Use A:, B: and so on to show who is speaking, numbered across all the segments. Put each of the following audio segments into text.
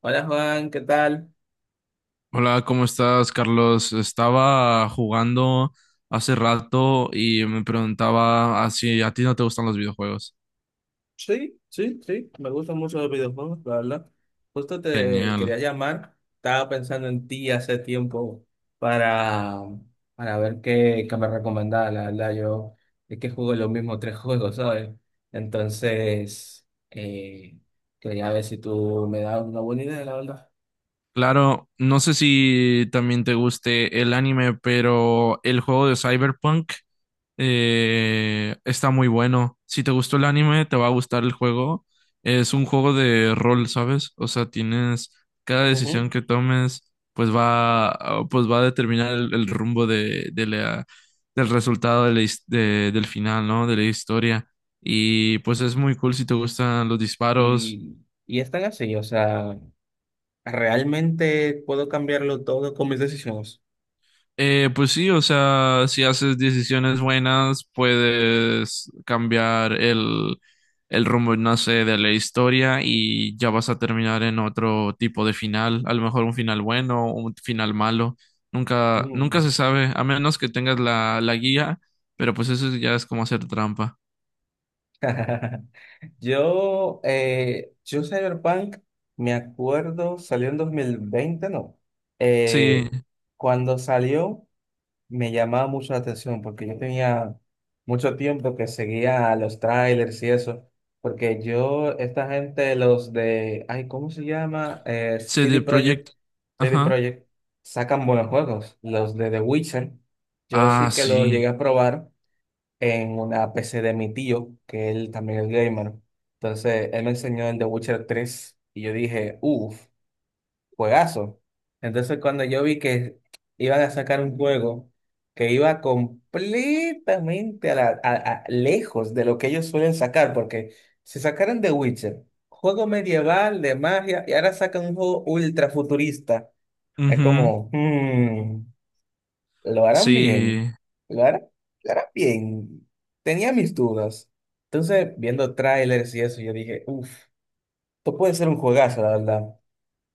A: Hola Juan, ¿qué tal?
B: Hola, ¿cómo estás, Carlos? Estaba jugando hace rato y me preguntaba si a ti no te gustan los videojuegos.
A: Sí, sí, sí, me gustan mucho los videojuegos, la verdad. Justo te
B: Genial.
A: quería llamar, estaba pensando en ti hace tiempo para, para ver qué me recomendaba, la verdad. Yo es que juego los mismos tres juegos, ¿sabes? Entonces, eh, quería ver si tú me das una buena idea, la verdad.
B: Claro, no sé si también te guste el anime, pero el juego de Cyberpunk está muy bueno. Si te gustó el anime, te va a gustar el juego. Es un juego de rol, ¿sabes? O sea, tienes cada decisión
A: Ujú.
B: que tomes, pues pues va a determinar el rumbo de del resultado de la del final, ¿no? De la historia. Y pues es muy cool si te gustan los disparos.
A: Y, y es tan así, o sea, ¿realmente puedo cambiarlo todo con mis decisiones?
B: Pues sí, o sea, si haces decisiones buenas, puedes cambiar el rumbo, no sé, de la historia y ya vas a terminar en otro tipo de final, a lo mejor un final bueno o un final malo, nunca, nunca se sabe, a menos que tengas la guía, pero pues eso ya es como hacer trampa.
A: Yo Cyberpunk, me acuerdo, salió en 2020, ¿no?
B: Sí,
A: Eh, Cuando salió, me llamaba mucho la atención porque yo tenía mucho tiempo que seguía los trailers y eso, porque yo, esta gente, los de, ay, ¿cómo se llama?
B: CD
A: CD
B: Projekt,
A: Projekt, CD
B: ajá.
A: Projekt, sacan buenos juegos, los de The Witcher. Yo
B: Ah,
A: sí que lo llegué
B: sí.
A: a probar en una PC de mi tío, que él también es gamer. Entonces, él me enseñó el The Witcher 3 y yo dije, uff, juegazo. Entonces, cuando yo vi que iban a sacar un juego que iba completamente a la- a- lejos de lo que ellos suelen sacar, porque si sacaran The Witcher, juego medieval de magia, y ahora sacan un juego ultra futurista, es
B: Ujú.
A: como, hmm. Lo harán bien,
B: Sí,
A: lo harán, lo harán bien. Tenía mis dudas. Entonces, viendo trailers y eso, yo dije, uff, esto puede ser un juegazo, la verdad.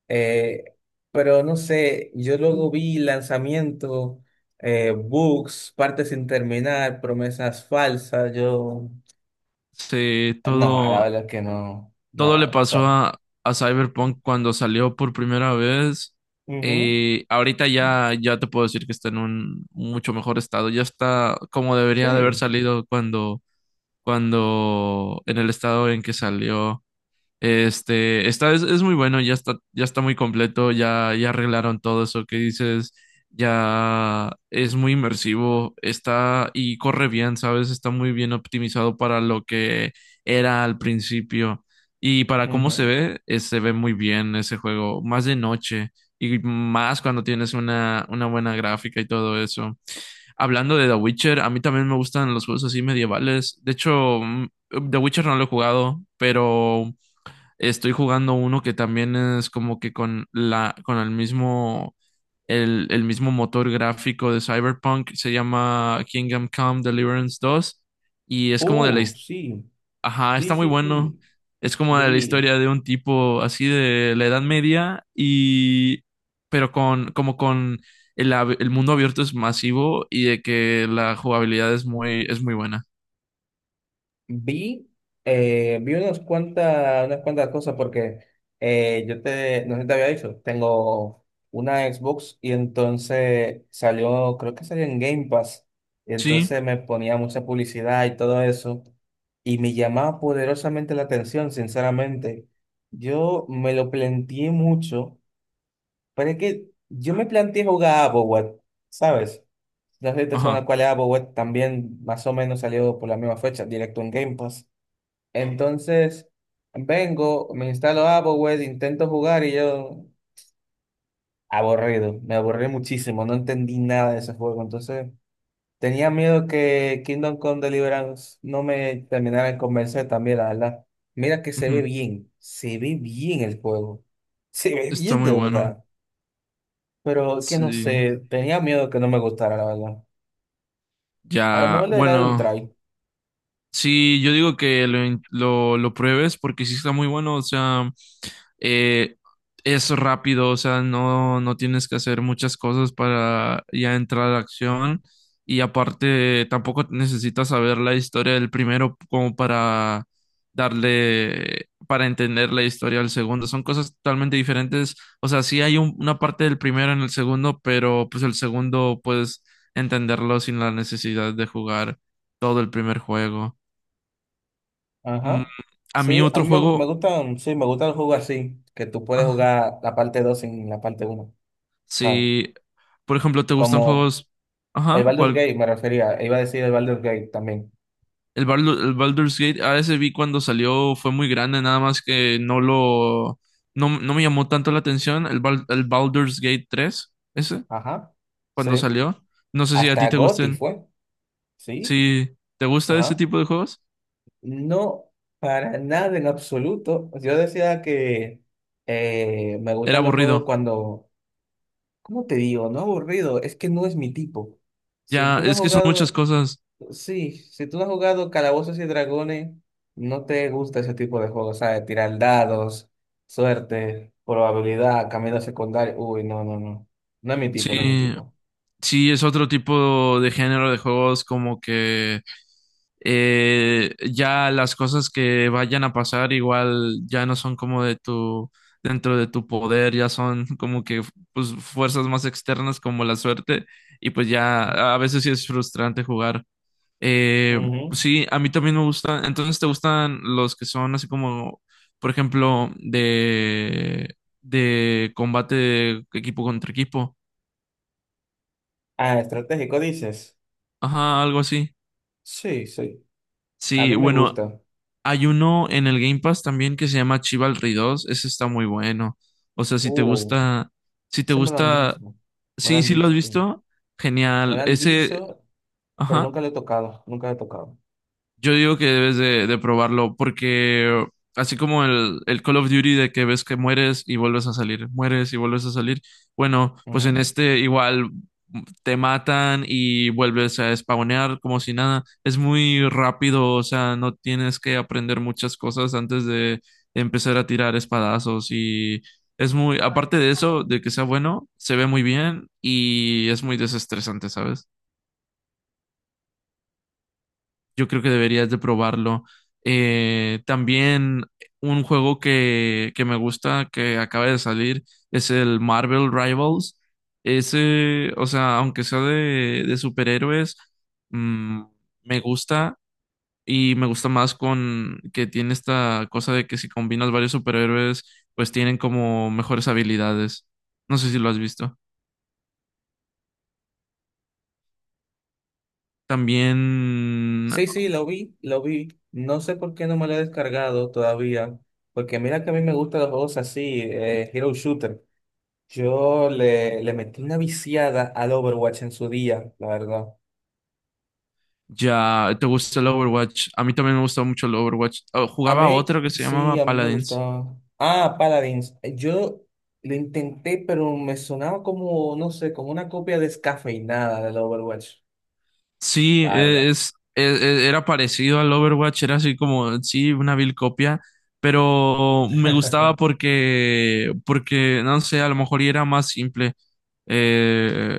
A: Eh, pero no sé, yo luego vi lanzamiento, bugs, partes sin terminar, promesas falsas. Yo,
B: sí,
A: no, la
B: todo.
A: verdad es que no,
B: Todo le
A: nada, o
B: pasó
A: sea,
B: a Cyberpunk cuando salió por primera vez.
A: ujú,
B: Ahorita ya te puedo decir que está en un mucho mejor estado. Ya está como debería de haber
A: sí,
B: salido cuando en el estado en que salió. Este, está, es muy bueno, ya está muy completo, ya, ya arreglaron todo eso que dices, ya es muy inmersivo, está y corre bien, ¿sabes? Está muy bien optimizado para lo que era al principio y para cómo
A: ujú.
B: se ve muy bien ese juego, más de noche y más cuando tienes una buena gráfica y todo eso. Hablando de The Witcher, a mí también me gustan los juegos así medievales. De hecho, The Witcher no lo he jugado, pero estoy jugando uno que también es como que con con el mismo, el mismo motor gráfico de Cyberpunk. Se llama Kingdom Come Deliverance 2. Y es como de
A: Sí,
B: ajá,
A: sí,
B: está muy
A: sí,
B: bueno.
A: sí,
B: Es como de la
A: vi.
B: historia de un tipo así de la Edad Media y, pero con, como con el mundo abierto es masivo y de que la jugabilidad es muy buena.
A: Vi, vi unas cuantas cosas porque yo te, no sé si te había dicho, tengo una Xbox y entonces salió, creo que salió en Game Pass, y
B: Sí,
A: entonces me ponía mucha publicidad y todo eso, y me llamaba poderosamente la atención, sinceramente. Yo me lo planteé mucho, pero es que yo me planteé jugar a Abowat, ¿sabes? No sé si te
B: ajá.
A: suena cuál es Abowat, también más o menos salió por la misma fecha, directo en Game Pass. Entonces, vengo, me instalo AppleWare, intento jugar y yo aburrido, me aburrí muchísimo, no entendí nada de ese juego. Entonces, tenía miedo que Kingdom Come Deliverance no me terminara de convencer también, la verdad. Mira que
B: Ujú.
A: se ve bien el juego, se ve
B: Está
A: bien
B: muy
A: de
B: bueno.
A: verdad, pero que no
B: Sí.
A: sé, tenía miedo que no me gustara, la verdad. A lo
B: Ya,
A: mejor le daría un
B: bueno.
A: try.
B: Sí, yo digo que lo pruebes porque sí está muy bueno, o sea, eh, es rápido, o sea, no, no tienes que hacer muchas cosas para ya entrar a la acción y aparte tampoco necesitas saber la historia del primero como para darle, para entender la historia del segundo, son cosas totalmente diferentes, o sea, sí hay una parte del primero en el segundo, pero pues el segundo puedes entenderlo sin la necesidad de jugar todo el primer juego. Mm,
A: Ajá.
B: a mí
A: Sí, a
B: otro
A: mí me
B: juego,
A: gustan, sí, me gustan los juegos así, que tú puedes
B: ah,
A: jugar la parte 2 sin la parte 1, ¿sabes?
B: sí, por ejemplo, ¿te gustan
A: Como
B: juegos?
A: el
B: Ajá,
A: Baldur's
B: ¿cuál?
A: Gate me refería, iba a decir el Baldur's Gate también.
B: El Baldur's Gate, a ese vi cuando salió, fue muy grande, nada más que no no me llamó tanto la atención, el Baldur's Gate 3 ese,
A: Ajá,
B: cuando
A: sí.
B: salió. No sé si a
A: Hasta
B: ti te
A: Gotti
B: gusten,
A: fue, sí,
B: si te gusta ese
A: ajá.
B: tipo de juegos,
A: No, para nada en absoluto. Yo decía que me
B: era
A: gustan los juegos
B: aburrido.
A: cuando, ¿cómo te digo? No aburrido, es que no es mi tipo. Si
B: Ya,
A: tú no has
B: es que son muchas
A: jugado...
B: cosas.
A: Sí, si tú no has jugado Calabozos y Dragones, no te gusta ese tipo de juegos, ¿sabes? Tirar dados, suerte, probabilidad, camino secundario. Uy, no, no, no. No es mi tipo, no es mi
B: Sí,
A: tipo.
B: sí es otro tipo de género de juegos como que ya las cosas que vayan a pasar igual ya no son como de tu dentro de tu poder, ya son como que pues fuerzas más externas como la suerte y pues ya a veces sí es frustrante jugar. Eh,
A: Ujú.
B: sí, a mí también me gusta. Entonces, ¿te gustan los que son así como, por ejemplo, de combate de equipo contra equipo?
A: Ah, estratégico, dices.
B: Ajá, algo así.
A: Sí, sí. A mí
B: Sí,
A: me
B: bueno,
A: gusta.
B: hay uno en el Game Pass también que se llama Chivalry 2, ese está muy bueno. O sea,
A: Uh,
B: si te
A: Se me lo han
B: gusta,
A: dicho. Me lo
B: sí,
A: han
B: sí lo has
A: dicho, sí. Me
B: visto,
A: lo
B: genial.
A: han
B: Ese,
A: dicho, pero
B: ajá.
A: nunca lo he tocado. Nunca lo he tocado.
B: Yo digo que debes de probarlo porque así como el Call of Duty de que ves que mueres y vuelves a salir, mueres y vuelves a salir, bueno, pues en
A: Ujú.
B: este igual te matan y vuelves a spawnear como si nada. Es muy rápido, o sea, no tienes que aprender muchas cosas antes de empezar a tirar espadazos y es muy, aparte de eso, de que sea bueno, se ve muy bien y es muy desestresante, ¿sabes? Yo creo que deberías de probarlo. También un juego que me gusta, que acaba de salir, es el Marvel Rivals. Ese, o sea, aunque sea de superhéroes, mm, me gusta y me gusta más con que tiene esta cosa de que si combinas varios superhéroes, pues tienen como mejores habilidades. No sé si lo has visto. También
A: Sí, sí, lo vi, lo vi. No sé por qué no me lo he descargado todavía, porque mira que a mí me gustan los juegos así, Hero Shooter. Yo le metí una viciada al Overwatch en su día, la verdad.
B: ya, ¿te gusta el Overwatch? A mí también me gustaba mucho el Overwatch. Oh,
A: A
B: jugaba
A: mí,
B: otro que se llamaba
A: sí, a mí me
B: Paladins.
A: gustaba. Ah, Paladins. Yo lo intenté, pero me sonaba como, no sé, como una copia descafeinada del Overwatch,
B: Sí,
A: la
B: e-
A: verdad.
B: es, e- era parecido al Overwatch, era así como, sí, una vil copia, pero me gustaba porque, porque, no sé, a lo mejor y era más simple. Eh,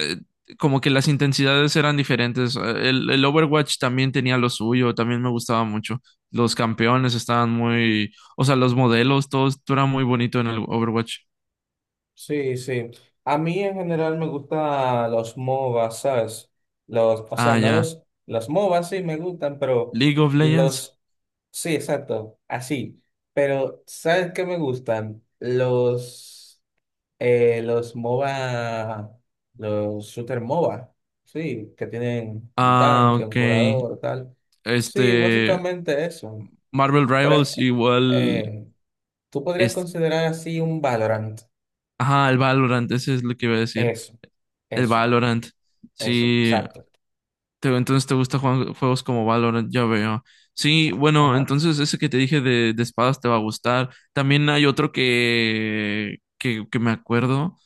B: eh, como que las intensidades eran diferentes. El Overwatch también tenía lo suyo, también me gustaba mucho. Los campeones estaban muy, o sea, los modelos, todo, todo era muy bonito en el Overwatch.
A: Sí, sí. A mí en general me gustan los MOBAs, ¿sabes? Los, o sea,
B: Ah,
A: no
B: ya.
A: los MOBAs sí me gustan, pero
B: League of Legends.
A: los, sí, exacto, así. Pero, ¿sabes qué me gustan? Los MOBA, los shooter MOBA, sí, que tienen un
B: Ah,
A: tanque, un
B: ok.
A: curador, tal. Sí,
B: Este,
A: básicamente eso.
B: Marvel
A: Por, ej-
B: Rivals igual
A: eh, Tú podrías
B: es,
A: considerar así un Valorant,
B: ajá, el Valorant, ese es lo que iba a decir.
A: eso,
B: El
A: eso.
B: Valorant.
A: Eso,
B: Sí,
A: exacto.
B: te- entonces te gusta jugar juegos como Valorant, ya veo. Sí, bueno,
A: Ajá.
B: entonces ese que te dije de espadas te va a gustar. También hay otro que me acuerdo.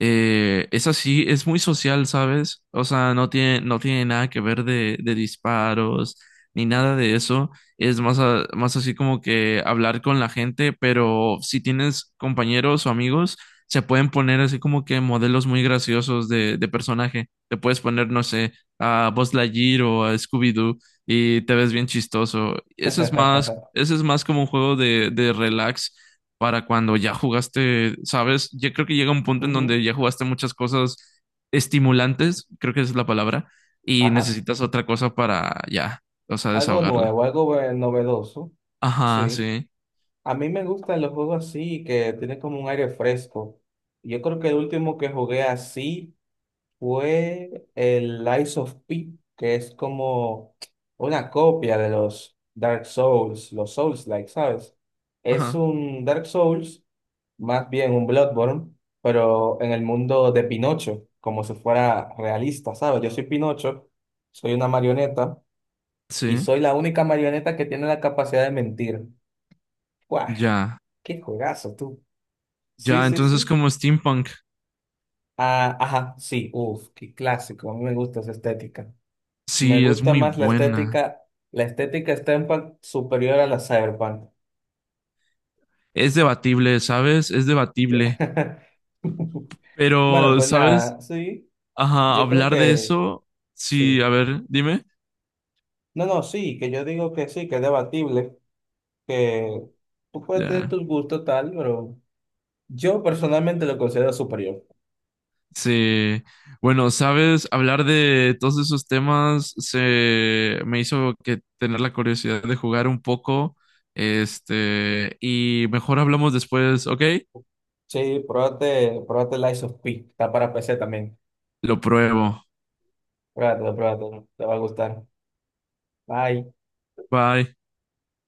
B: Es así, es muy social, ¿sabes? O sea, no tiene nada que ver de disparos ni nada de eso. Es más, más así como que hablar con la gente, pero si tienes compañeros o amigos, se pueden poner así como que modelos muy graciosos de personaje. Te puedes poner, no sé a Buzz Lightyear o a Scooby-Doo y te ves bien chistoso. Eso es más como un juego de relax para cuando ya jugaste, ¿sabes? Yo creo que llega un punto en donde
A: Ujú,
B: ya jugaste muchas cosas estimulantes, creo que esa es la palabra, y
A: ajá.
B: necesitas otra cosa para ya, o sea,
A: Algo
B: desahogarla.
A: nuevo, algo novedoso.
B: Ajá,
A: Sí.
B: sí.
A: A mí me gustan los juegos así, que tienen como un aire fresco. Yo creo que el último que jugué así fue el Lies of P, que es como una copia de los Dark Souls, los Souls-like, ¿sabes? Es
B: Ajá,
A: un Dark Souls, más bien un Bloodborne, pero en el mundo de Pinocho, como si fuera realista, ¿sabes? Yo soy Pinocho, soy una marioneta y
B: sí.
A: soy la única marioneta que tiene la capacidad de mentir. ¡Guau!
B: Ya.
A: ¡Qué juegazo, tú! Sí,
B: Ya,
A: sí,
B: entonces
A: sí.
B: como Steampunk,
A: Ah, ajá, sí, uff, qué clásico, a mí me gusta esa estética. Me
B: sí, es
A: gusta
B: muy
A: más la
B: buena.
A: estética. La estética steampunk superior a la cyberpunk.
B: Es debatible, ¿sabes? Es
A: Ya.
B: debatible.
A: Bueno,
B: Pero,
A: pues
B: ¿sabes?
A: nada, sí.
B: Ajá,
A: Yo creo
B: hablar de
A: que
B: eso. Sí,
A: sí.
B: a ver, dime.
A: No, no, sí, que yo digo que sí, que es debatible, que tú puedes tener
B: Ya.
A: tus gustos tal, pero yo personalmente lo considero superior.
B: Sí. Bueno, sabes, hablar de todos esos temas se me hizo que tener la curiosidad de jugar un poco. Este, y mejor hablamos después, ¿ok?
A: Sí, pruébate, pruébate Lies of P. Está para PC también.
B: Lo pruebo.
A: Pruébatelo, pruébatelo. Te va a gustar. Bye.
B: Bye.